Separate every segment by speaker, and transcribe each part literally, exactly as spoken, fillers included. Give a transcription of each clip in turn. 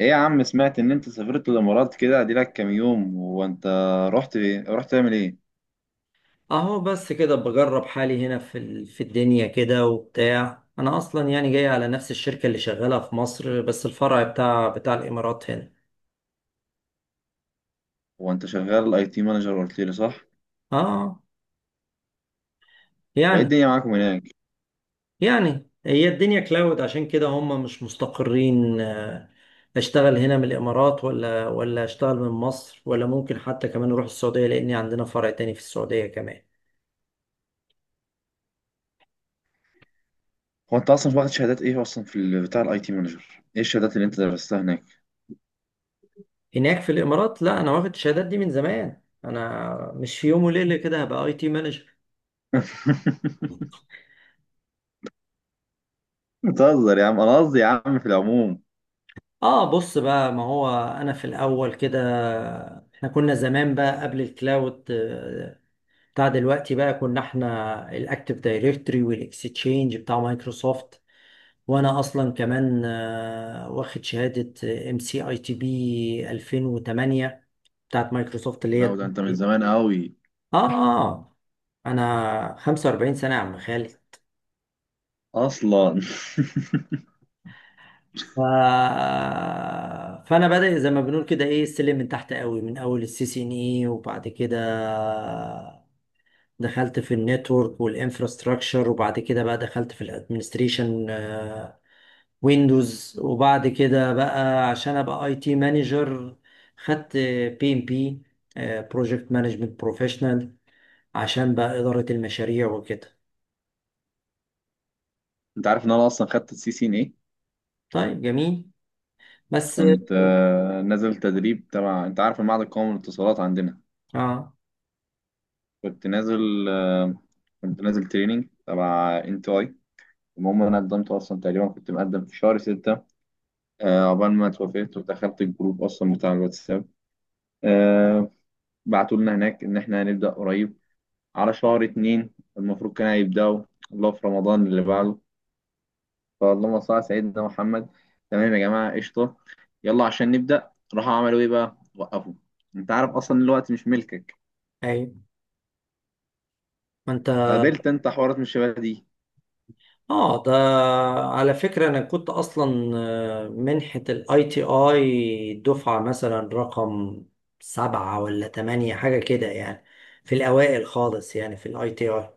Speaker 1: ايه يا عم، سمعت ان انت سافرت الامارات، كده ادي لك كام يوم؟ هو انت رحت ايه رحت تعمل ايه؟
Speaker 2: اهو بس كده بجرب حالي هنا في ال- في الدنيا كده وبتاع. انا اصلا يعني جاي على نفس الشركة اللي شغالة في مصر، بس الفرع بتاع بتاع الامارات هنا.
Speaker 1: هو انت شغال اي تي مانجر، قلت لي صح؟
Speaker 2: اه،
Speaker 1: وايه
Speaker 2: يعني
Speaker 1: الدنيا معاكم هناك؟
Speaker 2: يعني هي الدنيا كلاود عشان كده هم مش مستقرين. آه، اشتغل هنا من الامارات، ولا ولا اشتغل من مصر، ولا ممكن حتى كمان اروح السعودية لان عندنا فرع تاني في السعودية كمان.
Speaker 1: هو انت اصلا واخد شهادات ايه اصلا في ال- بتاع الاي تي مانجر؟ ايه الشهادات اللي انت درستها هناك؟
Speaker 2: هناك في الامارات، لا، انا واخد الشهادات دي من زمان، انا مش في يوم وليلة كده هبقى اي تي مانجر.
Speaker 1: بتهزر يا عم، انا قصدي يا عم في العموم.
Speaker 2: اه، بص بقى، ما هو انا في الاول كده احنا كنا زمان بقى قبل الكلاود آه، بتاع دلوقتي بقى، كنا احنا الاكتف دايركتوري والاكستشينج بتاع مايكروسوفت. وانا اصلا كمان آه، واخد شهادة ام سي اي تي بي الفين وتمانية بتاعت مايكروسوفت اللي هي
Speaker 1: لو ده انت من زمان قوي
Speaker 2: اه اه آه، انا خمسة واربعين سنة يا عم خالد.
Speaker 1: اصلا.
Speaker 2: ف... فانا بادئ زي ما بنقول كده، ايه، السلم من تحت قوي، من اول السي سي ان اي، وبعد كده دخلت في النتورك والانفراستراكشر، وبعد كده بقى دخلت في الادمنستريشن ويندوز، وبعد كده بقى عشان ابقى اي تي مانجر خدت بي ام بي، بروجكت مانجمنت بروفيشنال، عشان بقى اداره المشاريع وكده.
Speaker 1: انت عارف ان انا اصلا خدت السي سي ان ايه؟
Speaker 2: طيب جميل. بس.
Speaker 1: كنت آه، نازل تدريب تبع، انت عارف المعهد القومي للاتصالات عندنا؟
Speaker 2: اه،
Speaker 1: كنت نازل آه، كنت نازل تريننج تبع انت اي. المهم، انا قدمت اصلا، تقريبا كنت مقدم في شهر ستة. آه، عقبال ما اتوافقت ودخلت الجروب اصلا بتاع الواتساب. آه، بعتوا لنا هناك ان احنا هنبدا قريب على شهر اتنين. المفروض كان هيبداوا، الله، في رمضان اللي بعده، فاللهم صل على سيدنا محمد. تمام يا جماعه قشطه، يلا عشان نبدا. راحوا عملوا ايه بقى؟ وقفوا. انت عارف اصلا الوقت مش ملكك.
Speaker 2: ايوه، ما انت.
Speaker 1: قابلت انت حوارات من الشباب دي؟
Speaker 2: اه، ده على فكرة انا كنت اصلا آه، منحة الاي تي اي دفعة مثلا رقم سبعة ولا تمانية حاجة كده يعني، في الاوائل خالص يعني في الاي تي اي.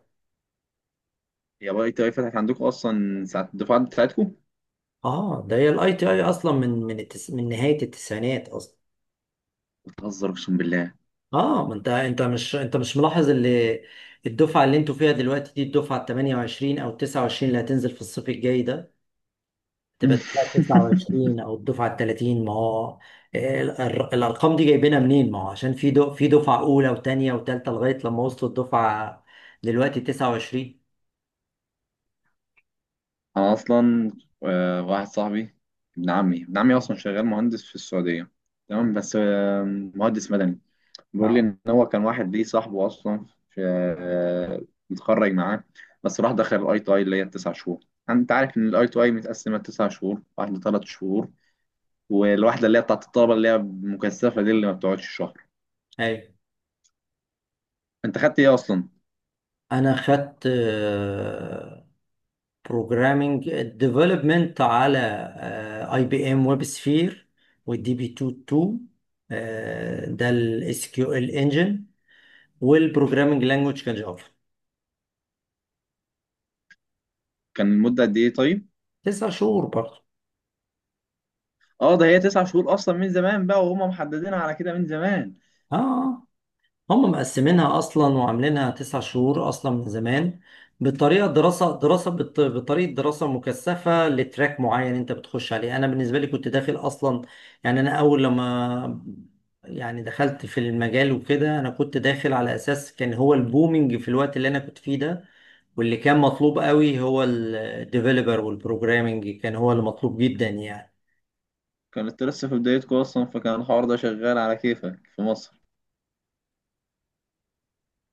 Speaker 1: يا باي تي اي، فتحت عندكم اصلا ساعة الدفعة بتاعتكم؟
Speaker 2: اه، ده هي الاي تي اي اصلا من من التس... من نهاية التسعينات اصلا.
Speaker 1: بتهزر اقسم بالله.
Speaker 2: اه، ما انت، انت مش انت مش ملاحظ اللي، الدفعة اللي انتوا فيها دلوقتي دي الدفعة ال ثمانية وعشرين او تسعة وعشرين اللي هتنزل في الصيف الجاي ده، تبقى الدفعه تسعة وعشرين او الدفعه ال تلاتين. ما هو ال- ال- الارقام دي جايبينها منين؟ ما هو عشان في دو في دفعه اولى وثانيه وثالثه لغايه لما وصلوا الدفعه دلوقتي تسعة وعشرين.
Speaker 1: انا اصلا آه، واحد صاحبي، ابن عمي ابن عمي اصلا شغال مهندس في السعودية. تمام، بس آه، مهندس مدني. بيقول لي
Speaker 2: اه،
Speaker 1: ان هو كان واحد ليه صاحبه اصلا في، آه، متخرج معاه. بس راح دخل الاي تو اي اللي هي التسع شهور. انت عارف ان الاي تو اي متقسمة تسع شهور واحدة، ثلاث شهور والواحدة اللي هي بتاعت الطلبة اللي هي مكثفة دي اللي ما بتقعدش شهر.
Speaker 2: ايوه.
Speaker 1: انت خدت ايه اصلا؟
Speaker 2: انا خدت بروجرامينج ديفلوبمنت على اي بي ام ويب سفير، والدي بي اتنين اتنين، آه، ده الاس كيو ال انجن، والبروجرامينج لانجوج كان جافا.
Speaker 1: كان المدة قد ايه طيب؟
Speaker 2: تسع شهور برضه.
Speaker 1: اه ده هي تسع شهور اصلا من زمان بقى، وهم محددينها على كده من زمان.
Speaker 2: اه، هم مقسمينها اصلا وعاملينها تسع شهور اصلا من زمان. بطريقه دراسه دراسه بط- بطريقه دراسه مكثفه لتراك معين انت بتخش عليه. انا بالنسبه لي كنت داخل اصلا، يعني، انا اول لما، يعني، دخلت في المجال وكده، انا كنت داخل على اساس كان هو البومينج في الوقت اللي انا كنت فيه ده، واللي كان مطلوب قوي هو الديفلوبر، والبروجرامينج كان هو اللي مطلوب جدا يعني.
Speaker 1: كانت لسه في بدايتكم اصلا فكان الحوار ده شغال على كيفك في مصر.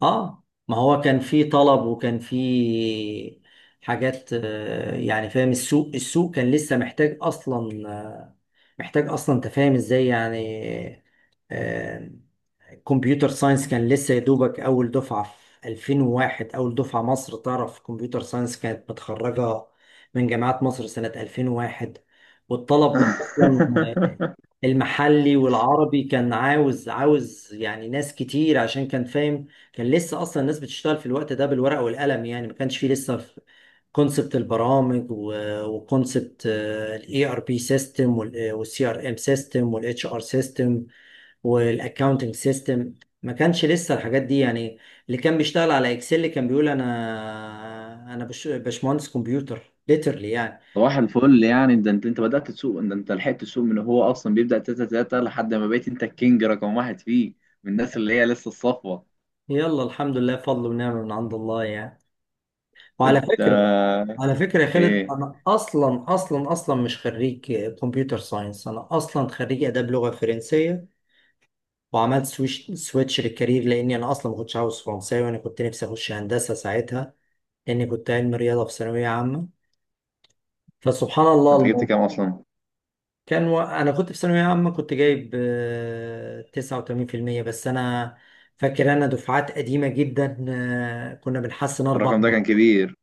Speaker 2: اه، ما هو كان في طلب، وكان في حاجات، آه، يعني، فاهم؟ السوق السوق كان لسه محتاج اصلا، محتاج اصلا تفاهم ازاي يعني. آه، كمبيوتر ساينس كان لسه يا دوبك اول دفعه في الفين وواحد، اول دفعه مصر تعرف كمبيوتر ساينس كانت متخرجه من جامعات مصر سنه ألفين وواحد. والطلب اصلا المحلي والعربي كان عاوز عاوز يعني ناس كتير، عشان كان فاهم، كان لسه اصلا الناس بتشتغل في الوقت ده بالورقه والقلم يعني، ما كانش فيه لسه كونسبت البرامج، وكونسبت الاي ار بي سيستم، والسي ار ام سيستم، والاتش ار سيستم، والاكاونتنج سيستم، ما كانش لسه الحاجات دي يعني. اللي كان بيشتغل على اكسل كان بيقول انا انا بش- باشمهندس كمبيوتر ليترلي يعني.
Speaker 1: صباح الفل. يعني ده انت انت بدأت تسوق، ده انت لحقت تسوق من هو اصلا بيبدأ تلاتة تلاتة، لحد ما بقيت انت الكينج رقم واحد فيه من الناس اللي هي لسه الصفوة.
Speaker 2: يلا، الحمد لله، فضل ونعمه من عند الله يعني. وعلى
Speaker 1: انت
Speaker 2: فكره، على فكره يا خالد،
Speaker 1: ايه
Speaker 2: انا اصلا اصلا اصلا مش خريج كمبيوتر ساينس، انا اصلا خريج اداب لغه فرنسيه، وعملت سويش سويتش للكارير، لاني انا اصلا ما كنتش عاوز فرنساوي، وانا كنت نفسي اخش هندسه ساعتها، لاني كنت علم رياضه في ثانويه عامه. فسبحان الله
Speaker 1: انت جبت
Speaker 2: الموضوع
Speaker 1: كام اصلا؟
Speaker 2: كان و... انا كنت في ثانويه عامه كنت جايب آه، تسعة وتمانين بالمية بس. انا فاكر انا دفعات قديمه جدا، آه، كنا بنحسن اربع.
Speaker 1: الرقم ده كان كبير.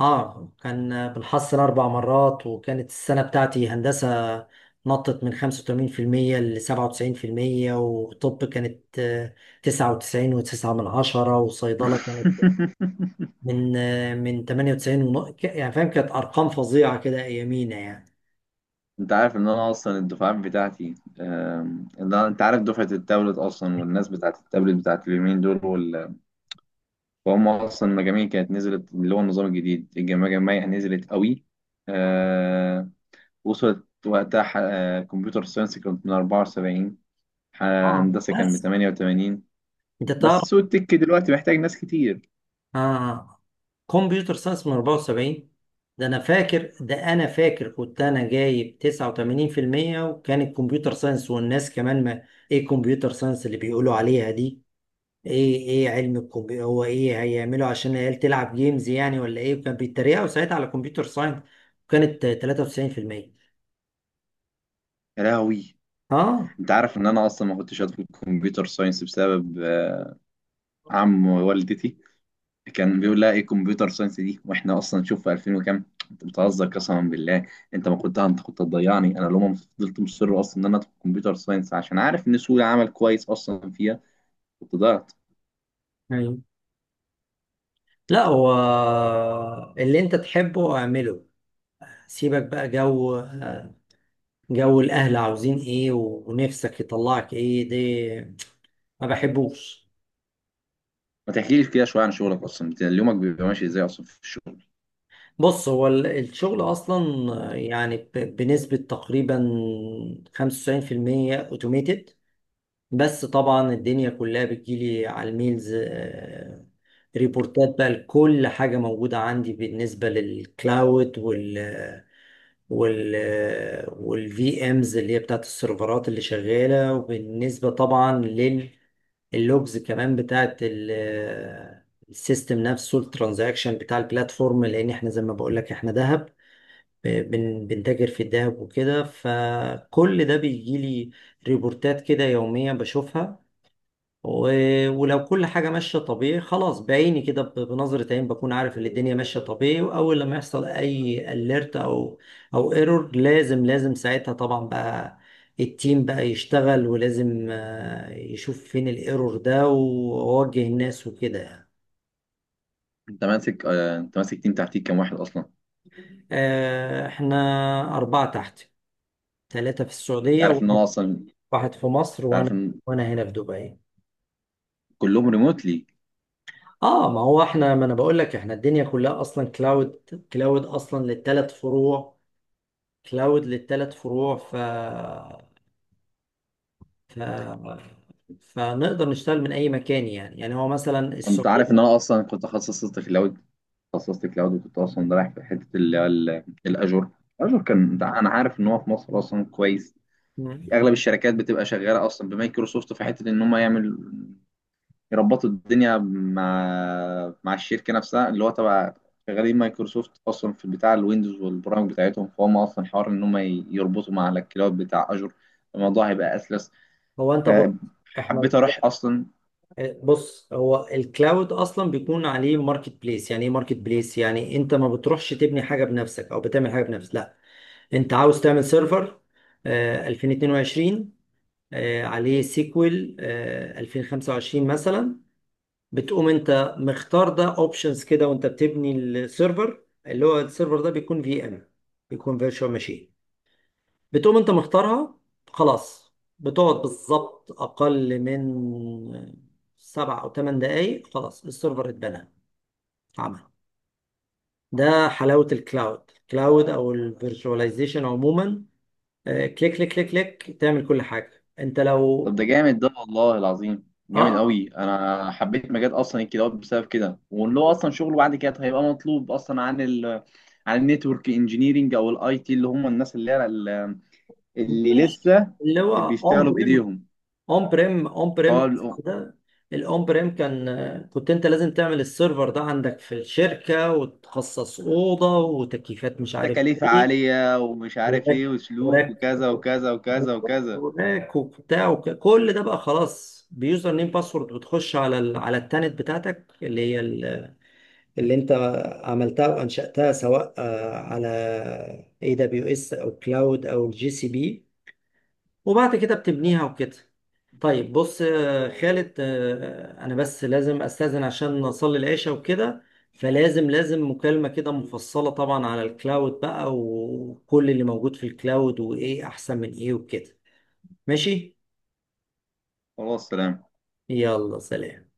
Speaker 2: اه، كان بالحصل اربع مرات، وكانت السنه بتاعتي هندسه نطت من خمسة وتمانين بالمية ل سبعة وتسعين بالمية، وطب كانت آه، تسعة وتسعين و9 من عشرة، وصيدله كانت من آه، من تمنية وتسعين ونق... ك- يعني فاهم، كانت ارقام فظيعه كده ايامينا يعني.
Speaker 1: انت عارف ان انا اصلا الدفعات بتاعتي، آم، ان أنا- انت عارف دفعه التابلت اصلا والناس بتاعت التابلت بتاعت اليومين دول وال... وهم اصلا المجاميع كانت نزلت، اللي هو النظام الجديد المجاميع نزلت قوي. آه، وصلت وقتها، ح- آه، كمبيوتر ساينس كانت من اربعة وسبعين، ح-
Speaker 2: اه،
Speaker 1: هندسه كان ب
Speaker 2: بس
Speaker 1: تمانية وتمانين.
Speaker 2: انت
Speaker 1: بس
Speaker 2: تعرف.
Speaker 1: سوق التك دلوقتي محتاج ناس كتير.
Speaker 2: اه. آه. كمبيوتر ساينس من اربعة وسبعين، ده انا فاكر، ده انا فاكر كنت انا جايب تسعة وتمانين بالمية، وكان الكمبيوتر ساينس والناس كمان ما. ايه كمبيوتر ساينس اللي بيقولوا عليها دي؟ ايه، ايه علم الكمبيوتر، هو ايه هيعملوا عشان العيال تلعب جيمز يعني ولا ايه؟ وكان بيتريقوا ساعتها على كمبيوتر ساينس، وكانت تلاتة وتسعين بالمية.
Speaker 1: يا لهوي،
Speaker 2: اه،
Speaker 1: انت عارف ان انا اصلا ما كنتش هدخل كمبيوتر ساينس بسبب آه، عم والدتي، كان بيقول لها ايه كمبيوتر ساينس دي، واحنا اصلا شوف في ألفين وكام وكام. انت بتهزر قسما بالله. انت ما كنت انت كنت هتضيعني، انا لو ما فضلت مصر اصلا ان انا ادخل كمبيوتر ساينس عشان عارف ان سوق العمل كويس اصلا فيها. كنت ضيعت.
Speaker 2: أيوة. لا، هو اللي انت تحبه اعمله، سيبك بقى جو، جو الاهل عاوزين ايه ونفسك يطلعك ايه دي، ما بحبوش.
Speaker 1: ما تحكيلي كده شويه عن شغلك اصلا، انت يومك بيبقى ماشي ازاي اصلا في الشغل؟
Speaker 2: بص، هو ال- الشغل أصلا يعني، ب- بنسبة تقريبا خمسة وتسعين بالمية أوتوميتد. بس طبعا الدنيا كلها بتجيلي على الميلز. آه، ريبورتات بقى لكل حاجة موجودة عندي، بالنسبة للكلاود وال، والفي امز اللي هي بتاعت السيرفرات اللي شغاله، وبالنسبه طبعا لللوجز كمان بتاعت ال- السيستم نفسه، الترانزاكشن بتاع البلاتفورم، لان احنا زي ما بقول لك احنا ذهب، بن- بنتاجر في الذهب وكده. فكل ده بيجي لي ريبورتات كده يوميا بشوفها، و- ولو كل حاجة ماشية طبيعي، خلاص بعيني كده، ب- بنظرة عين بكون عارف ان الدنيا ماشية طبيعي. واول لما يحصل اي اليرت او او ايرور، لازم لازم ساعتها طبعا بقى التيم بقى يشتغل، ولازم آه، يشوف فين الايرور ده ووجه الناس وكده يعني.
Speaker 1: انت ماسك آه انت ماسك تيم تحتيك كام واحد اصلا؟
Speaker 2: آه، احنا أربعة تحت، ثلاثة في
Speaker 1: انت
Speaker 2: السعودية
Speaker 1: عارف ان انا
Speaker 2: وواحد،
Speaker 1: اصلا انت
Speaker 2: واحد في مصر
Speaker 1: عارف
Speaker 2: وانا،
Speaker 1: ان
Speaker 2: وانا هنا في دبي.
Speaker 1: كلهم ريموتلي.
Speaker 2: اه، ما هو احنا، ما انا بقول لك احنا الدنيا كلها اصلا كلاود، كلاود اصلا للثلاث فروع، كلاود للثلاث فروع. ف... ف... فنقدر نشتغل من اي مكان يعني، يعني هو مثلا
Speaker 1: انت
Speaker 2: السعوديه.
Speaker 1: عارف ان انا اصلا كنت تخصصت كلاود تخصصت كلاود وكنت اصلا رايح في حته اللي هو ال- الاجور. الاجور كان، انت- انا عارف ان هو في مصر اصلا كويس.
Speaker 2: مم.
Speaker 1: اغلب الشركات بتبقى شغاله اصلا بمايكروسوفت في حته ان هم يعمل يربطوا الدنيا مع مع الشركه نفسها اللي هو تبع شغالين مايكروسوفت اصلا في بتاع الويندوز والبرامج بتاعتهم. فهم اصلا حوار ان هم ي- يربطوا مع الكلاود بتاع اجور، الموضوع هيبقى اسلس.
Speaker 2: هو انت
Speaker 1: آه،
Speaker 2: بص، احنا،
Speaker 1: حبيت اروح اصلا.
Speaker 2: بص، هو الكلاود اصلا بيكون عليه ماركت بليس. يعني ايه ماركت بليس؟ يعني انت ما بتروحش تبني حاجه بنفسك او بتعمل حاجه بنفسك، لا، انت عاوز تعمل سيرفر آه، الفين واتنين وعشرين آه، عليه سيكوال الفين وخمسة وعشرين مثلا، بتقوم انت مختار ده اوبشنز كده، وانت بتبني السيرفر. اللي هو السيرفر ده بيكون في ام، بيكون فيرتشوال ماشين، بتقوم انت مختارها، خلاص. بتقعد بالظبط اقل من سبع او ثمان دقايق خلاص السيرفر اتبنى، عمل. ده حلاوة الكلاود، كلاود او الفيرتشواليزيشن عموما. آه، كليك كليك كليك كليك، تعمل كل حاجة انت لو.
Speaker 1: طب ده جامد، ده والله العظيم جامد
Speaker 2: اه،
Speaker 1: قوي، انا حبيت مجال اصلا الكلاود بسبب كده. وان هو اصلا شغله بعد كده طيب هيبقى مطلوب اصلا عن ال عن النتورك انجينيرنج او الاي تي اللي هم الناس اللي هي ال- اللي
Speaker 2: مفيش
Speaker 1: لسه
Speaker 2: اللي هو اون
Speaker 1: بيشتغلوا بايديهم.
Speaker 2: اون بريم اون بريم
Speaker 1: اه
Speaker 2: اصلا
Speaker 1: ال-
Speaker 2: ده. الاون بريم كان، كنت انت لازم تعمل السيرفر ده عندك في الشركه، وتخصص اوضه وتكييفات مش عارف
Speaker 1: تكاليف
Speaker 2: ايه،
Speaker 1: عالية ومش عارف
Speaker 2: وراك
Speaker 1: ايه، وسلوك
Speaker 2: وراك
Speaker 1: وكذا وكذا وكذا وكذا.
Speaker 2: وراك وبتاع، وك- كل ده بقى خلاص، بيوزر نيم باسورد بتخش على ال... على التانت بتاعتك اللي هي ال... اللي انت عملتها وانشاتها، سواء آه، على اي دبليو اس او كلاود او الجي سي بي، وبعد كده بتبنيها وكده. طيب بص آه، خالد، آه، آه، انا بس لازم استاذن عشان اصلي العشاء وكده. فلازم لازم مكالمة كده مفصلة طبعا على الكلاود بقى، وكل اللي موجود في الكلاود، وايه احسن من ايه وكده. ماشي،
Speaker 1: خلاص، سلام.
Speaker 2: يلا سلام.